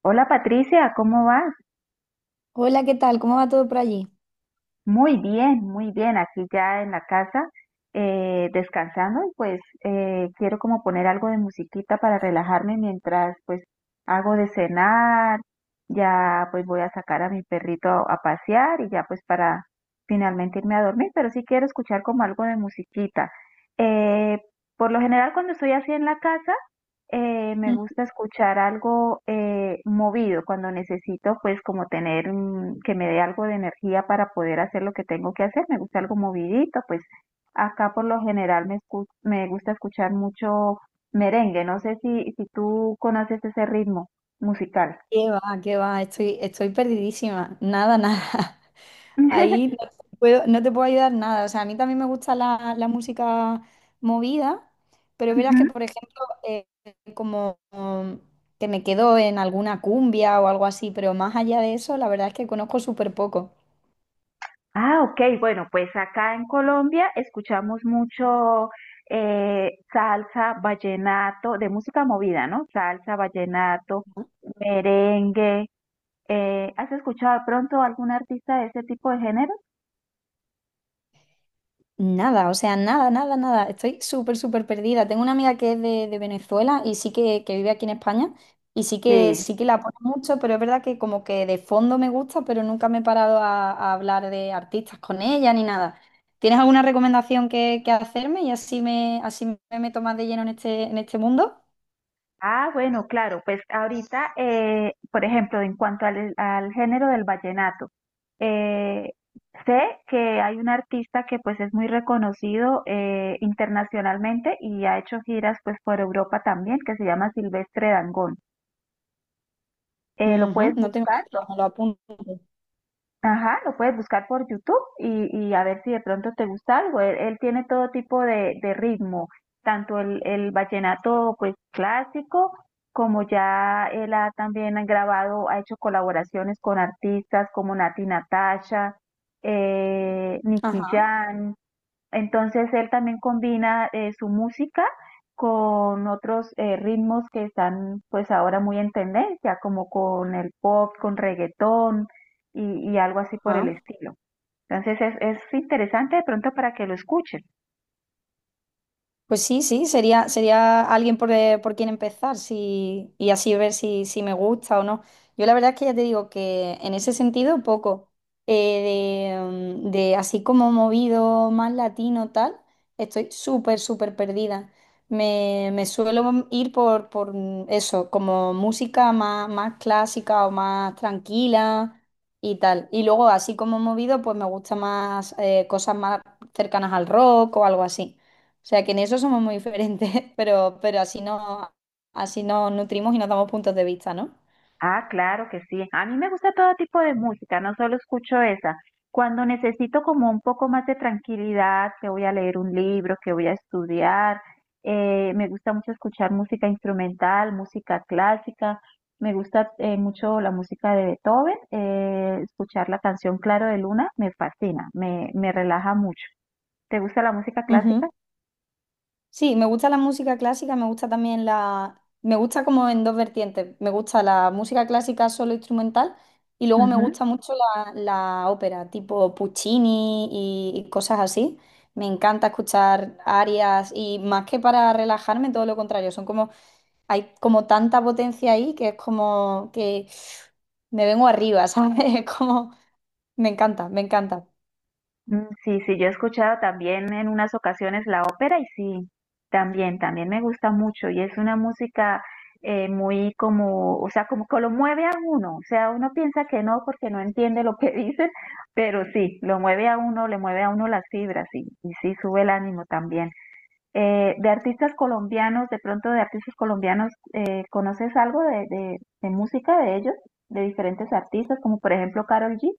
Hola Patricia, ¿cómo vas? Hola, ¿qué tal? ¿Cómo va todo por allí? Muy bien, aquí ya en la casa, descansando y pues quiero como poner algo de musiquita para relajarme mientras pues hago de cenar, ya pues voy a sacar a mi perrito a pasear y ya pues para finalmente irme a dormir, pero sí quiero escuchar como algo de musiquita. Eh, por lo general cuando estoy así en la casa, me Mm. gusta escuchar algo movido cuando necesito, pues como tener que me dé algo de energía para poder hacer lo que tengo que hacer. Me gusta algo movidito, pues acá por lo general me gusta escuchar mucho merengue. No sé si tú conoces ese ritmo musical. ¿Qué va? ¿Qué va? Estoy perdidísima. Nada, nada. Ahí no te puedo, no te puedo ayudar nada. O sea, a mí también me gusta la música movida, pero es verdad que, Ujú. por ejemplo, eh, como um, que me quedo en alguna cumbia o algo así, pero más allá de eso, la verdad es que conozco súper poco. Ah, ok, bueno, pues acá en Colombia escuchamos mucho salsa, vallenato, de música movida, ¿no? Salsa, vallenato, merengue. ¿Has escuchado de pronto algún artista de ese tipo de género? Nada, o sea, nada, nada, nada. Estoy súper, súper perdida. Tengo una amiga que es de Venezuela y sí que vive aquí en España y sí que la pone mucho, pero es verdad que como que de fondo me gusta, pero nunca me he parado a hablar de artistas con ella ni nada. ¿Tienes alguna recomendación que hacerme y así me meto más de lleno en este mundo? Ah, bueno, claro, pues ahorita, por ejemplo, en cuanto al género del vallenato, eh, sé que hay un artista que pues es muy reconocido internacionalmente y ha hecho giras pues por Europa también, que se llama Silvestre Dangond. ¿Lo Ujú, puedes no tengo buscar? idea, me lo apunto. Ajá, lo puedes buscar por YouTube y a ver si de pronto te gusta algo. Él tiene todo tipo de ritmo, tanto el vallenato pues clásico, como ya él ha también ha grabado, ha hecho colaboraciones con artistas como Nati Natasha, Nicky Ajá, Jam, entonces él también combina su música con otros ritmos que están pues ahora muy en tendencia, como con el pop, con reggaetón y algo así por el ajá. estilo. Entonces es, es interesante de pronto para que lo escuchen. Pues sí, sí, sería, sería alguien por quien empezar si, y así ver si, si me gusta o no. Yo la verdad es que ya te digo que en ese sentido poco. Eh, de, de así como movido más latino tal, estoy súper, súper perdida. Me suelo ir por, por eso, como música más, más clásica o más tranquila y tal. Y luego así como movido, pues me gusta más cosas más cercanas al rock o algo así. O sea que en eso somos muy diferentes, pero así no, así nos nutrimos y nos damos puntos de vista, ¿no? Ah, claro que sí. A mí me gusta todo tipo de música, no solo escucho esa. Cuando necesito como un poco más de tranquilidad, que voy a leer un libro, que voy a estudiar, me gusta mucho escuchar música instrumental, música clásica, me gusta mucho la música de Beethoven, escuchar la canción Claro de Luna me fascina, me relaja mucho. ¿Te gusta la música Ujú. clásica? Sí, me gusta la música clásica, me gusta también la... Me gusta como en dos vertientes. Me gusta la música clásica solo instrumental y luego me gusta mucho la ópera, tipo Puccini y cosas así. Me encanta escuchar arias y más que para relajarme, todo lo contrario. Son como, hay como tanta potencia ahí que es como que me vengo arriba, ¿sabes? Es como, me encanta, me encanta. Mm, sí, sí, yo he escuchado también en unas ocasiones la ópera y sí, también, también me gusta mucho y es una música muy como, o sea, como que lo mueve a uno, o sea, uno piensa que no porque no entiende lo que dicen, pero sí, lo mueve a uno, le mueve a uno las fibras y sí, sube el ánimo también. De artistas colombianos, de pronto de artistas colombianos, ¿conoces algo de música de ellos, de diferentes artistas, como por ejemplo Karol G?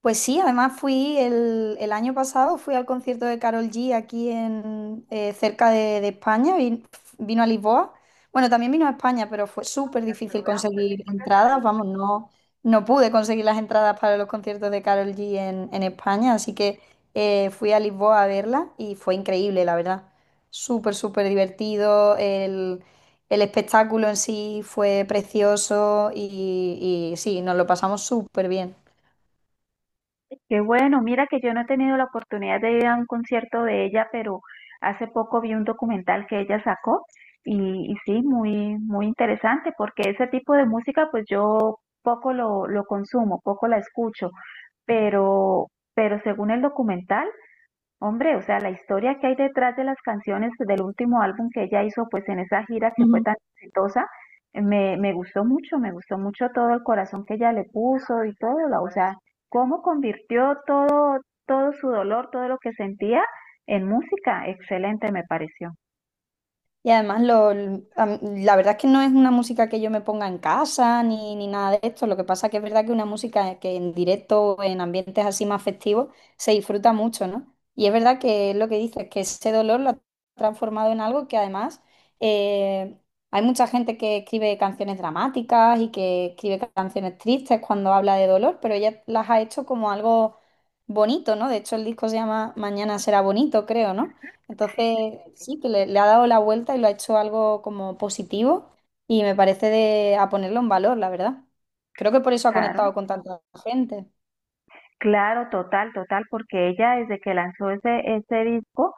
Pues sí, además fui el año pasado, fui al concierto de Carol G aquí en, cerca de España, vino a Lisboa. Bueno, también vino a España, pero fue súper difícil conseguir entradas, vamos, no, no pude conseguir las entradas para los conciertos de Carol G en España, así que fui a Lisboa a verla y fue increíble, la verdad. Súper, súper divertido, el espectáculo en sí fue precioso y sí, nos lo pasamos súper bien. Qué bueno, mira que yo no he tenido la oportunidad de ir a un concierto de ella, pero hace poco vi un documental que ella sacó y sí, muy, muy interesante porque ese tipo de música pues yo poco lo consumo, poco la escucho, pero, pero según el documental hombre, o sea, la historia que hay detrás de las canciones del último álbum que ella hizo, pues en esa gira que fue tan exitosa, me gustó mucho todo el corazón que ella le puso y todo, o sea, cómo convirtió todo, todo su dolor, todo lo que sentía en música, excelente me pareció, Y además, la verdad es que no es una música que yo me ponga en casa ni, ni nada de esto. Lo que pasa que es verdad que una música que en directo o en ambientes así más festivos se disfruta mucho, ¿no? Y es verdad que es lo que dices, que ese dolor lo ha transformado en algo que además eh, hay mucha gente que escribe canciones dramáticas y que escribe canciones tristes cuando habla de dolor, pero ella las ha hecho como algo bonito, ¿no? De hecho, el disco se llama Mañana será bonito, creo, ¿no? Entonces, sí, que le ha dado la vuelta y lo ha hecho algo como positivo y me parece de, a ponerlo en valor, la verdad. Creo que por eso ha claro. conectado con tanta gente. Claro, total, total, porque ella desde que lanzó ese disco,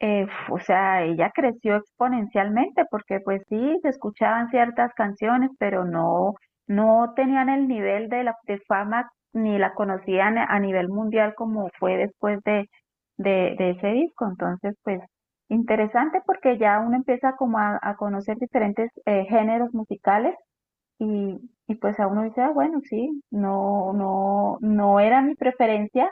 o sea, ella creció exponencialmente, porque pues sí, se escuchaban ciertas canciones, pero no, no tenían el nivel de la de fama ni la conocían a nivel mundial como fue después de ese disco. Entonces, pues interesante porque ya uno empieza como a conocer diferentes géneros musicales y, y pues a uno dice, ah, bueno, sí, no, no, no era mi preferencia,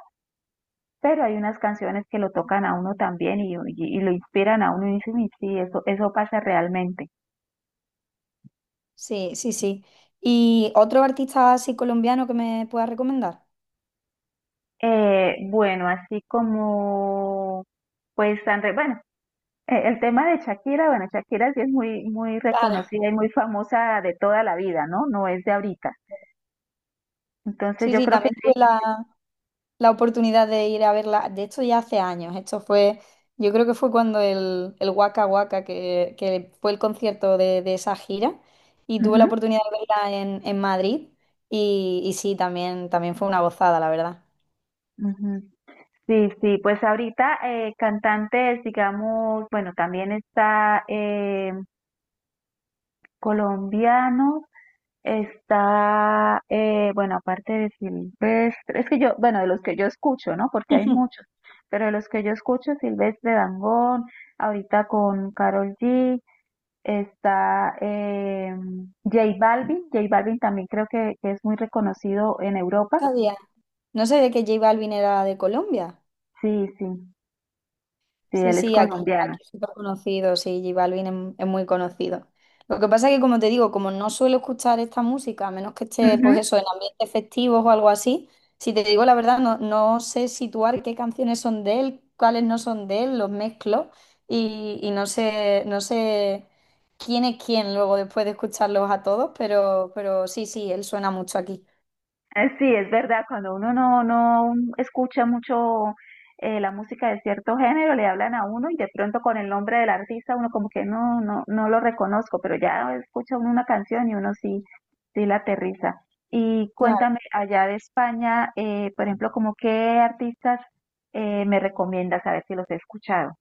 pero hay unas canciones que lo tocan a uno también y lo inspiran a uno y dice, "Uy, sí, eso pasa realmente". Sí, sí, sí. ¿Y otro artista así colombiano que me pueda recomendar? Bueno, así como, pues, bueno, el tema de Shakira, bueno, Shakira sí es muy, muy Claro. reconocida y muy famosa de toda la vida, ¿no? No es de ahorita. Entonces Sí, yo sí, creo que también sí. tuve la, la oportunidad de ir a verla. De hecho, ya hace años. Esto fue, yo creo que fue cuando el Waka Waka, que fue el concierto de esa gira, y tuve la Ujú, oportunidad de verla en Madrid. Y sí, también, también fue una gozada, la verdad. ujú. Sí, sí, pues ahorita cantantes, digamos, bueno, también está colombianos, está, bueno, aparte de Silvestre, es que yo, bueno, de los que yo escucho, ¿no? Porque hay muchos, pero de los que yo escucho, Silvestre Dangond, ahorita con Karol G, está J Balvin, J Balvin también creo que es muy reconocido en Europa, No sabía, no sabía que J Balvin era de Colombia. sí, sí, sí, Sí, él es sí, aquí, colombiano. aquí es súper conocido, sí, J Balvin es muy conocido. Lo que pasa es que, como te digo, como no suelo escuchar esta música, a menos que esté, pues eso, en ambientes festivos o algo así, si te digo la verdad, no, no sé situar qué canciones son de él, cuáles no son de él, los mezclo y no sé, no sé quién es quién luego después de escucharlos a todos, pero sí, sí, él suena mucho aquí. Sí, es verdad, cuando uno no escucha mucho la música de cierto género, le hablan a uno y de pronto con el nombre del artista uno como que no, no, no lo reconozco, pero ya escucha uno una canción y uno sí, sí la aterriza. Y cuéntame, allá de España, por ejemplo, como qué artistas me recomiendas, a ver si los he escuchado.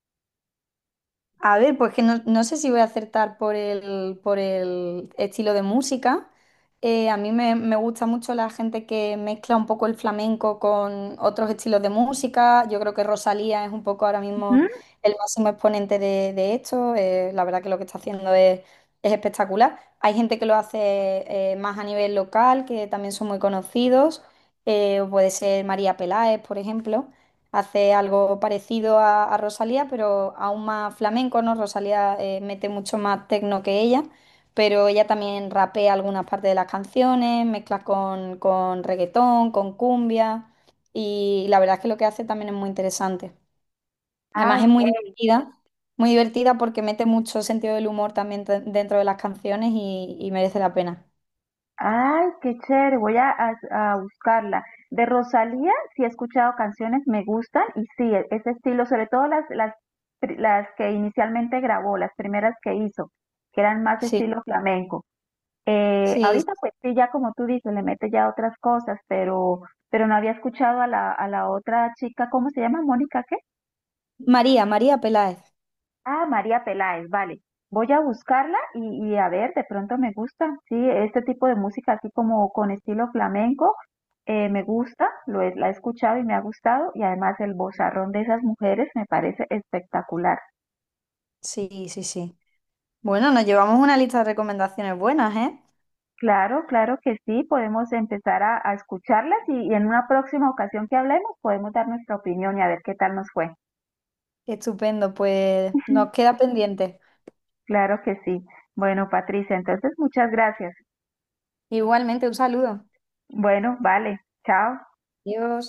A ver, pues que no, no sé si voy a acertar por el estilo de música. A mí me, me gusta mucho la gente que mezcla un poco el flamenco con otros estilos de música. Yo creo que Rosalía es un poco ahora mismo Ujú. el máximo exponente de esto. La verdad que lo que está haciendo es espectacular. Hay gente que lo hace más a nivel local, que también son muy conocidos. Puede ser María Peláez, por ejemplo hace algo parecido a Rosalía, pero aún más flamenco, ¿no? Rosalía mete mucho más tecno que ella, pero ella también rapea algunas partes de las canciones, mezcla con reggaetón, con cumbia, y la verdad es que lo que hace también es muy interesante. Ah, Además es ok. Muy divertida porque mete mucho sentido del humor también dentro de las canciones y merece la pena. Ay, qué chévere, voy a buscarla. De Rosalía, sí he escuchado canciones, me gustan y sí, ese estilo, sobre todo las que inicialmente grabó, las primeras que hizo, que eran más Sí, estilo flamenco. Sí. Ahorita pues sí, ya como tú dices, le mete ya otras cosas, pero no había escuchado a a la otra chica, ¿cómo se llama? Mónica, ¿qué? María, María Peláez. Ah, María Peláez, vale. Voy a buscarla y a ver, de pronto me gusta. Sí, este tipo de música así como con estilo flamenco, me gusta, la he escuchado y me ha gustado. Y además el vozarrón de esas mujeres me parece espectacular. Sí, sí, sí. Bueno, nos llevamos una lista de recomendaciones buenas, ¿eh? Claro, claro que sí, podemos empezar a escucharlas y en una próxima ocasión que hablemos podemos dar nuestra opinión y a ver qué tal nos fue. Estupendo, pues nos queda pendiente. Claro que sí. Bueno, Patricia, entonces muchas gracias. Igualmente, un saludo. Bueno, vale, chao. Adiós.